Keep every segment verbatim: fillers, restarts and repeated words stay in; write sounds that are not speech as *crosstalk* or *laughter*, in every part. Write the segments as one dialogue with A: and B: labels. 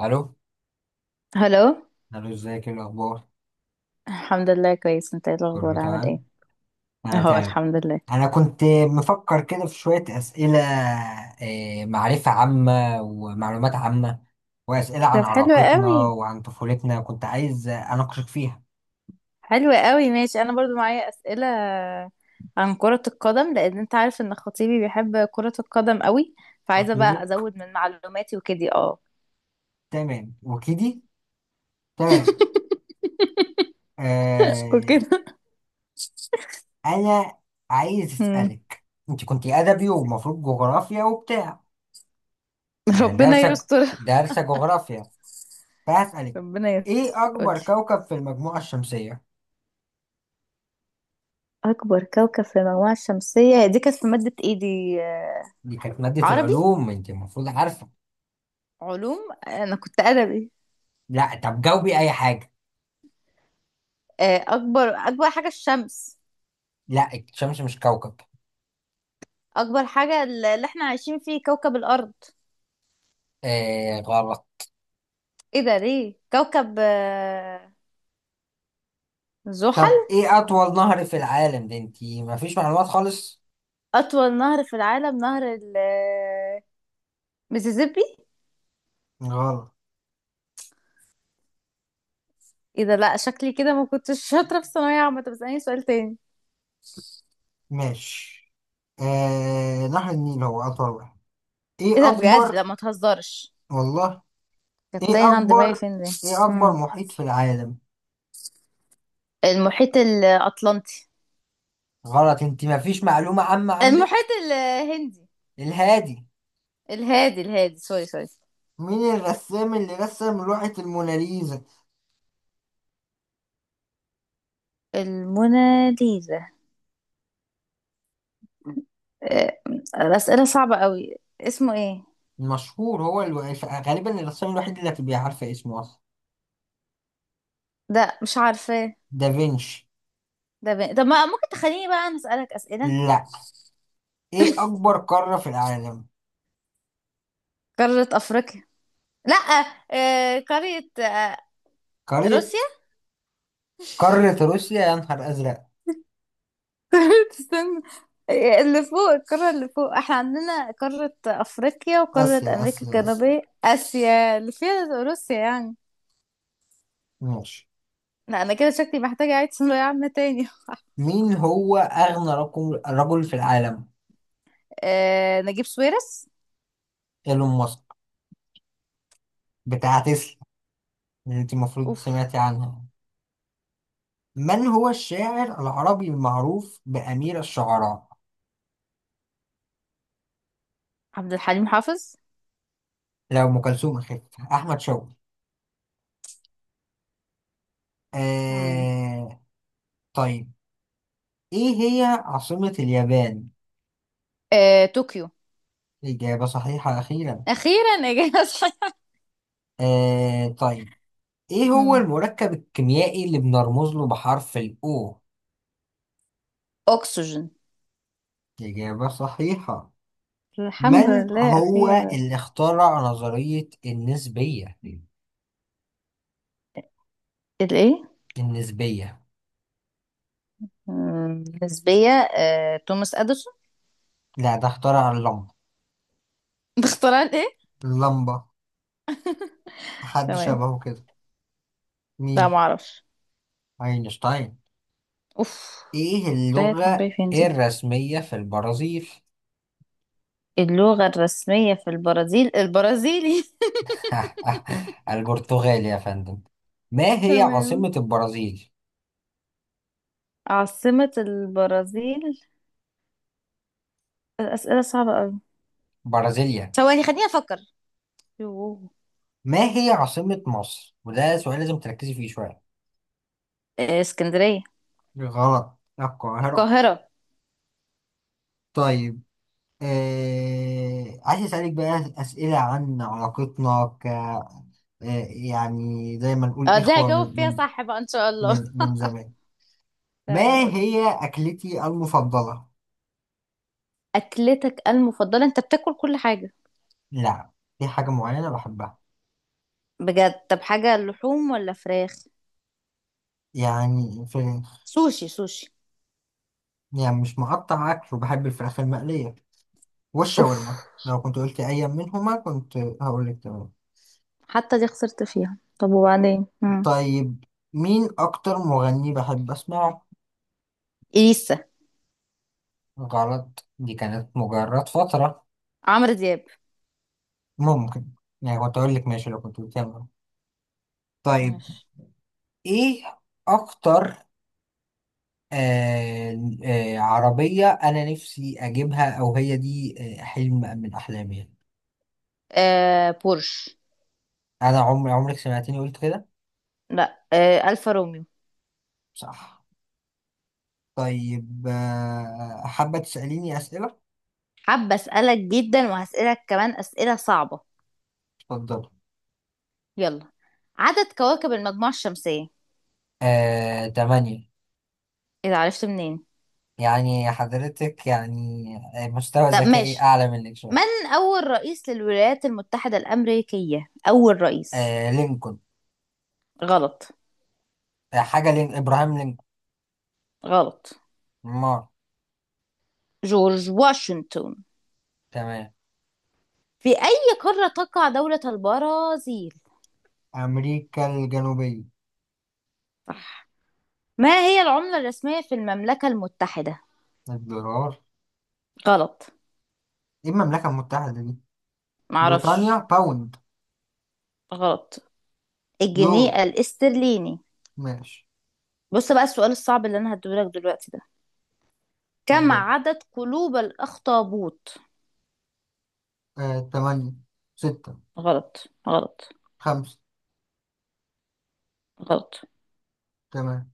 A: الو.
B: هلو.
A: الو، ازيك، ايه الاخبار؟
B: الحمد لله كويس، انت ايه
A: كله
B: الاخبار، عامل ايه؟
A: تمام. انا
B: اهو
A: تمام.
B: الحمد لله.
A: انا كنت مفكر كده في شويه اسئله، آه، معرفه عامه ومعلومات عامه واسئله
B: طب
A: عن
B: حلو
A: علاقتنا
B: قوي،
A: وعن طفولتنا كنت عايز اناقشك فيها.
B: حلو قوي ماشي. انا برضو معايا اسئله عن كره القدم، لان انت عارف ان خطيبي بيحب كره القدم قوي، فعايزه بقى
A: أطيبك.
B: ازود من معلوماتي وكده. اه.
A: تمام وكدي. تمام.
B: *laughs*
A: آه.
B: وكده.
A: انا عايز
B: مم.
A: اسالك. انت كنت ادبي ومفروض جغرافيا وبتاع، يعني
B: ربنا
A: دارسه،
B: يستر.
A: دارسه جغرافيا، فهسالك.
B: ربنا يستر،
A: ايه
B: قولي.
A: اكبر كوكب في المجموعه الشمسيه؟
B: اكبر كوكب في المجموعه الشمسيه؟ هي دي كانت في ماده ايه؟ دي آه،
A: دي كانت مادة
B: عربي.
A: العلوم، انت المفروض عارفة.
B: علوم، انا كنت ادبي.
A: لا، طب جاوبي اي حاجة.
B: آه، اكبر اكبر حاجه الشمس.
A: لا، الشمس مش كوكب.
B: اكبر حاجة اللي احنا عايشين فيه كوكب الارض.
A: آه، غلط.
B: ايه ده، ليه كوكب؟ آه، زحل.
A: طب ايه اطول نهر في العالم؟ ده انت مفيش معلومات خالص.
B: اطول نهر في العالم؟ نهر ال- آه، ميسيسيبي.
A: غلط.
B: ايه ده؟ لا شكلي كده ما كنتش *laughs* شاطرة في الثانوية عامة. طب اسألني سؤال تاني.
A: ماشي. آه نهر النيل هو أطول واحد.
B: ايه ده
A: إيه
B: بجد، لا
A: أكبر
B: ما تهزرش.
A: والله.
B: كانت تايه
A: إيه
B: عند دماغي،
A: أكبر
B: فين دي؟
A: إيه أكبر
B: مم.
A: محيط في العالم؟
B: المحيط الاطلنطي.
A: غلط، انت مفيش معلومة عامة
B: المحيط
A: عندك.
B: الهندي.
A: الهادي.
B: الهادي الهادي، سوري سوري.
A: مين الرسام اللي رسم لوحة الموناليزا؟
B: الموناليزا. آه، الأسئلة صعبة قوي، اسمه ايه؟
A: مشهور. هو الو... غالبا الرسام الوحيد اللي هتبقى عارفة اسمه أصلا.
B: ده مش عارفة.
A: دافنشي.
B: ده ب... طب ما ممكن تخليني بقى أنا أسألك أسئلة؟
A: لا. إيه أكبر قارة في العالم؟
B: قارة أفريقيا. لا، آه... قارة آه...
A: قارة.
B: روسيا.
A: قارة روسيا؟ يا نهار أزرق.
B: *laughs* استنى. آه، اللي فوق، القارة اللي فوق، احنا عندنا قارة أفريقيا وقارة
A: آسيا،
B: أمريكا
A: آسيا، آسيا.
B: الجنوبية، آسيا اللي فيها روسيا يعني.
A: ماشي.
B: لا أنا كده شكلي محتاجة أعيد ثانوية عامة تاني.
A: مين هو أغنى رقم رجل في العالم؟
B: *laughs* آه... نجيب سويرس.
A: إيلون ماسك، بتاع تسلا اللي أنت المفروض
B: أوف.
A: سمعتي عنها. من هو الشاعر العربي المعروف بأمير الشعراء؟
B: عبد الحليم حافظ.
A: لو أم كلثوم أخف. أحمد شوقي.
B: مم.
A: آه... طيب. إيه هي عاصمة اليابان؟
B: آه... طوكيو.
A: إجابة صحيحة أخيرا.
B: أخيرا إجابة صحيحة.
A: آه طيب. إيه
B: *laughs*
A: هو
B: مم.
A: المركب الكيميائي اللي بنرمز له بحرف الأو؟
B: أكسجين.
A: إجابة صحيحة.
B: الحمد
A: من
B: لله
A: هو
B: أخيرا.
A: اللي اخترع نظرية النسبية؟
B: الإيه؟
A: النسبية.
B: مم، نسبية. آه، توماس اديسون.
A: لا، ده اخترع اللمبة.
B: *laughs* باختراع الايه؟
A: اللمبة. حد
B: تمام.
A: شبهه كده.
B: لا
A: مين؟
B: معرفش.
A: أينشتاين.
B: اوف.
A: إيه
B: ده هي
A: اللغة
B: هنبي فين دي؟
A: الرسمية في البرازيل؟
B: اللغة الرسمية في البرازيل البرازيلي.
A: *laughs* البرتغال يا فندم. ما
B: *laughs*
A: هي عاصمة
B: تمام.
A: البرازيل؟
B: عاصمة البرازيل. الأسئلة صعبة أوي.
A: برازيليا.
B: ثواني خليني أفكر. يوه.
A: ما هي عاصمة مصر؟ وده سؤال لازم تركزي فيه شوية.
B: آه، اسكندرية.
A: غلط، القاهرة.
B: القاهرة.
A: طيب. آه... عايز أسألك بقى أسئلة عن علاقتنا ك آه... يعني زي ما نقول
B: اه دي
A: إخوة
B: هجاوب
A: من
B: فيها
A: من
B: صح بقى إن شاء الله.
A: من من زمان.
B: *laughs*
A: ما
B: تمام، قولي.
A: هي أكلتي المفضلة؟
B: أكلتك المفضلة؟ أنت بتاكل كل حاجة.
A: لا، دي حاجة معينة بحبها.
B: بجد؟ طب حاجة لحوم ولا فراخ؟
A: يعني فراخ.
B: سوشي سوشي.
A: يعني مش مقطع أكل، وبحب الفراخ المقلية
B: اوف
A: والشاورما، لو كنت قلت أي منهما كنت هقول لك.
B: حتى دي خسرت فيها. طب وبعدين مم.
A: طيب. مين أكتر مغني بحب أسمعه؟
B: إليسا.
A: غلط، دي كانت مجرد فترة.
B: عمرو دياب.
A: ممكن. يعني كنت أقول لك ماشي لو كنت بتكمل. طيب.
B: ماشي.
A: إيه أكتر. آه آه عربية أنا نفسي أجيبها، أو هي دي. آه حلم من أحلامي يعني.
B: آه بورش.
A: أنا عمري عمرك سمعتني قلت كده؟
B: لا، آه ألفا روميو.
A: صح. طيب، آه حابة تسأليني أسئلة؟
B: حابة أسألك جدا، وهسألك كمان أسئلة صعبة.
A: اتفضل.
B: يلا. عدد كواكب المجموعة الشمسية.
A: آه تمانية.
B: إذا عرفت منين.
A: يعني حضرتك يعني، آه، مستوى
B: طب
A: ذكائي
B: ماشي.
A: أعلى منك شوية.
B: من أول رئيس للولايات المتحدة الأمريكية؟ أول رئيس.
A: آه لينكولن.
B: غلط،
A: آه حاجة لين إبراهام لينكولن.
B: غلط.
A: مار.
B: جورج واشنطن.
A: تمام.
B: في أي قارة تقع دولة البرازيل؟
A: أمريكا الجنوبية.
B: صح. ما هي العملة الرسمية في المملكة المتحدة؟
A: الدولار.
B: غلط.
A: إيه المملكة المتحدة دي؟ بريطانيا،
B: معرفش.
A: باوند.
B: غلط.
A: يورو.
B: الجنيه الاسترليني.
A: ماشي.
B: بص بقى، السؤال الصعب اللي انا هديهولك دلوقتي ده: كم
A: اتفضل.
B: عدد قلوب الاخطبوط؟
A: آه تمانية. ستة.
B: غلط، غلط،
A: خمسة.
B: غلط.
A: تمام.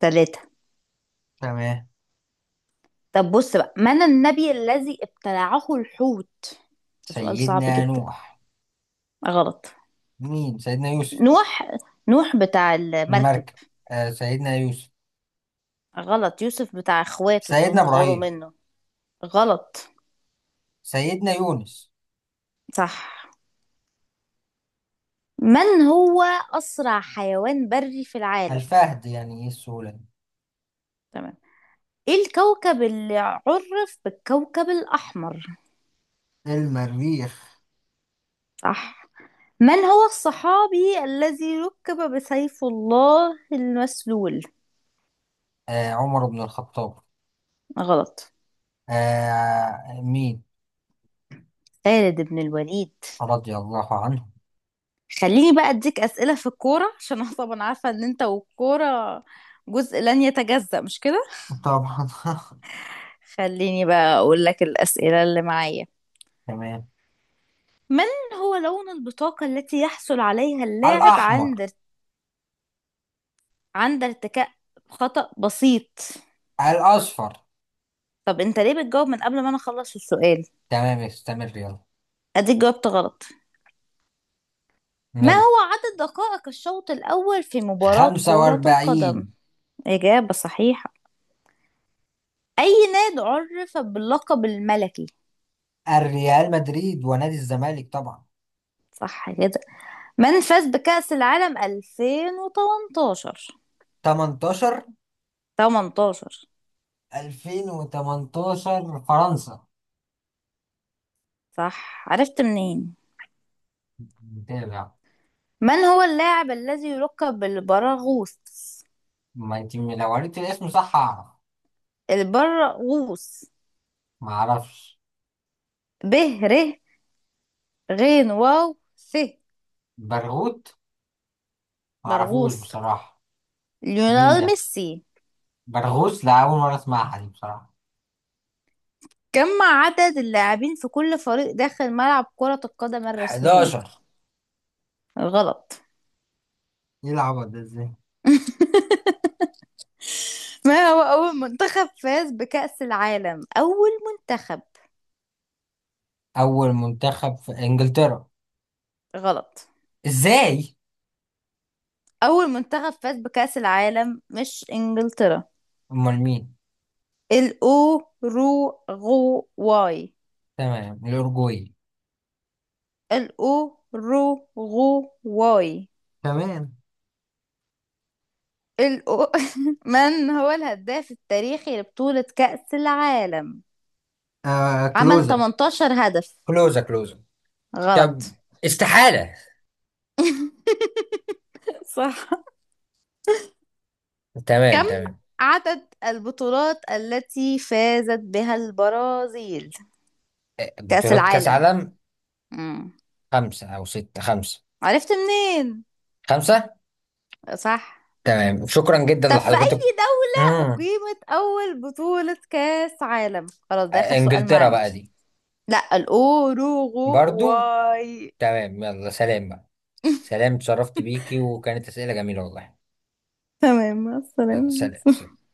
B: ثلاثة.
A: تمام.
B: طب بص بقى، من النبي الذي ابتلعه الحوت؟ ده سؤال صعب
A: سيدنا
B: جدا.
A: نوح.
B: غلط.
A: مين؟ سيدنا يوسف.
B: نوح. نوح بتاع المركب.
A: المركب. آه سيدنا يوسف.
B: غلط. يوسف بتاع اخواته اللي
A: سيدنا
B: هم غاروا
A: إبراهيم.
B: منه. غلط.
A: سيدنا يونس.
B: صح. من هو أسرع حيوان بري في العالم؟
A: الفهد، يعني إيه السهولة دي؟
B: تمام. إيه الكوكب اللي عرف بالكوكب الأحمر؟
A: المريخ.
B: صح. من هو الصحابي الذي ركب بسيف الله المسلول؟
A: آه عمر بن الخطاب.
B: غلط.
A: آه مين؟
B: خالد بن الوليد.
A: رضي الله عنه.
B: خليني بقى أديك أسئلة في الكورة، عشان أنا طبعا عارفة إن أنت والكورة جزء لن يتجزأ، مش كده؟
A: طبعا. *laughs*
B: خليني بقى أقول لك الأسئلة اللي معايا.
A: تمام.
B: من هو لون البطاقة التي يحصل عليها اللاعب
A: الأحمر.
B: عند عند ارتكاء خطأ بسيط؟
A: الأصفر.
B: طب انت ليه بتجاوب من قبل ما انا اخلص السؤال؟
A: تمام، استمر، يلا.
B: اديك جاوبت غلط. ما
A: يلا.
B: هو عدد دقائق الشوط الاول في مباراة كرة القدم؟
A: خمسة وأربعين.
B: اجابة صحيحة. اي نادي عرف باللقب الملكي؟
A: الريال مدريد ونادي الزمالك طبعا.
B: صح كده. من فاز بكأس العالم ألفين وتمنتاشر؟
A: تمنتاشر
B: تمنتاشر.
A: ألفين وتمنتاشر، فرنسا.
B: صح، عرفت منين؟
A: متابع.
B: من هو اللاعب الذي يلقب بالبراغوث؟
A: ما انت لو قريت الاسم صح هعرف.
B: البراغوث:
A: ما اعرفش.
B: ب ر غين واو ث.
A: برغوت. ما اعرفوش
B: مرغوص.
A: بصراحة. مين
B: ليونيل
A: ده؟
B: ميسي.
A: برغوث؟ لا، أول مرة أسمعها دي بصراحة.
B: كم عدد اللاعبين في كل فريق داخل ملعب كرة القدم الرسمية؟
A: أحد عشر.
B: غلط.
A: يلعب ده ازاي؟
B: ما هو أول منتخب فاز بكأس العالم؟ أول منتخب.
A: أول منتخب في إنجلترا.
B: غلط.
A: ازاي؟
B: أول منتخب فاز بكأس العالم مش إنجلترا.
A: امال مين؟
B: الأوروغواي.
A: تمام، الاورجواي.
B: الأوروغواي.
A: كمان.
B: الأو... *laughs* من هو الهداف التاريخي لبطولة كأس العالم؟
A: آه
B: عمل
A: كلوزا،
B: تمنتاشر هدف.
A: كلوزا، كلوزا. طب
B: غلط.
A: استحالة.
B: صح.
A: تمام.
B: كم
A: تمام.
B: عدد البطولات التي فازت بها البرازيل؟
A: آه،
B: كأس
A: بطولات كأس
B: العالم.
A: عالم.
B: مم.
A: خمسة أو ستة. خمسة.
B: عرفت منين؟
A: خمسة.
B: صح.
A: تمام، شكرا جدا
B: طب في
A: لحضرتك.
B: أي دولة
A: مم.
B: أقيمت أول بطولة كأس عالم؟ خلاص ده آخر
A: آه،
B: سؤال
A: إنجلترا
B: معانا.
A: بقى دي.
B: لا،
A: برضو.
B: الأوروغواي.
A: تمام، يلا سلام بقى. سلام، اتشرفت بيكي وكانت أسئلة جميلة والله.
B: تمام، مع
A: يلا،
B: السلامة.
A: سلام، سلام.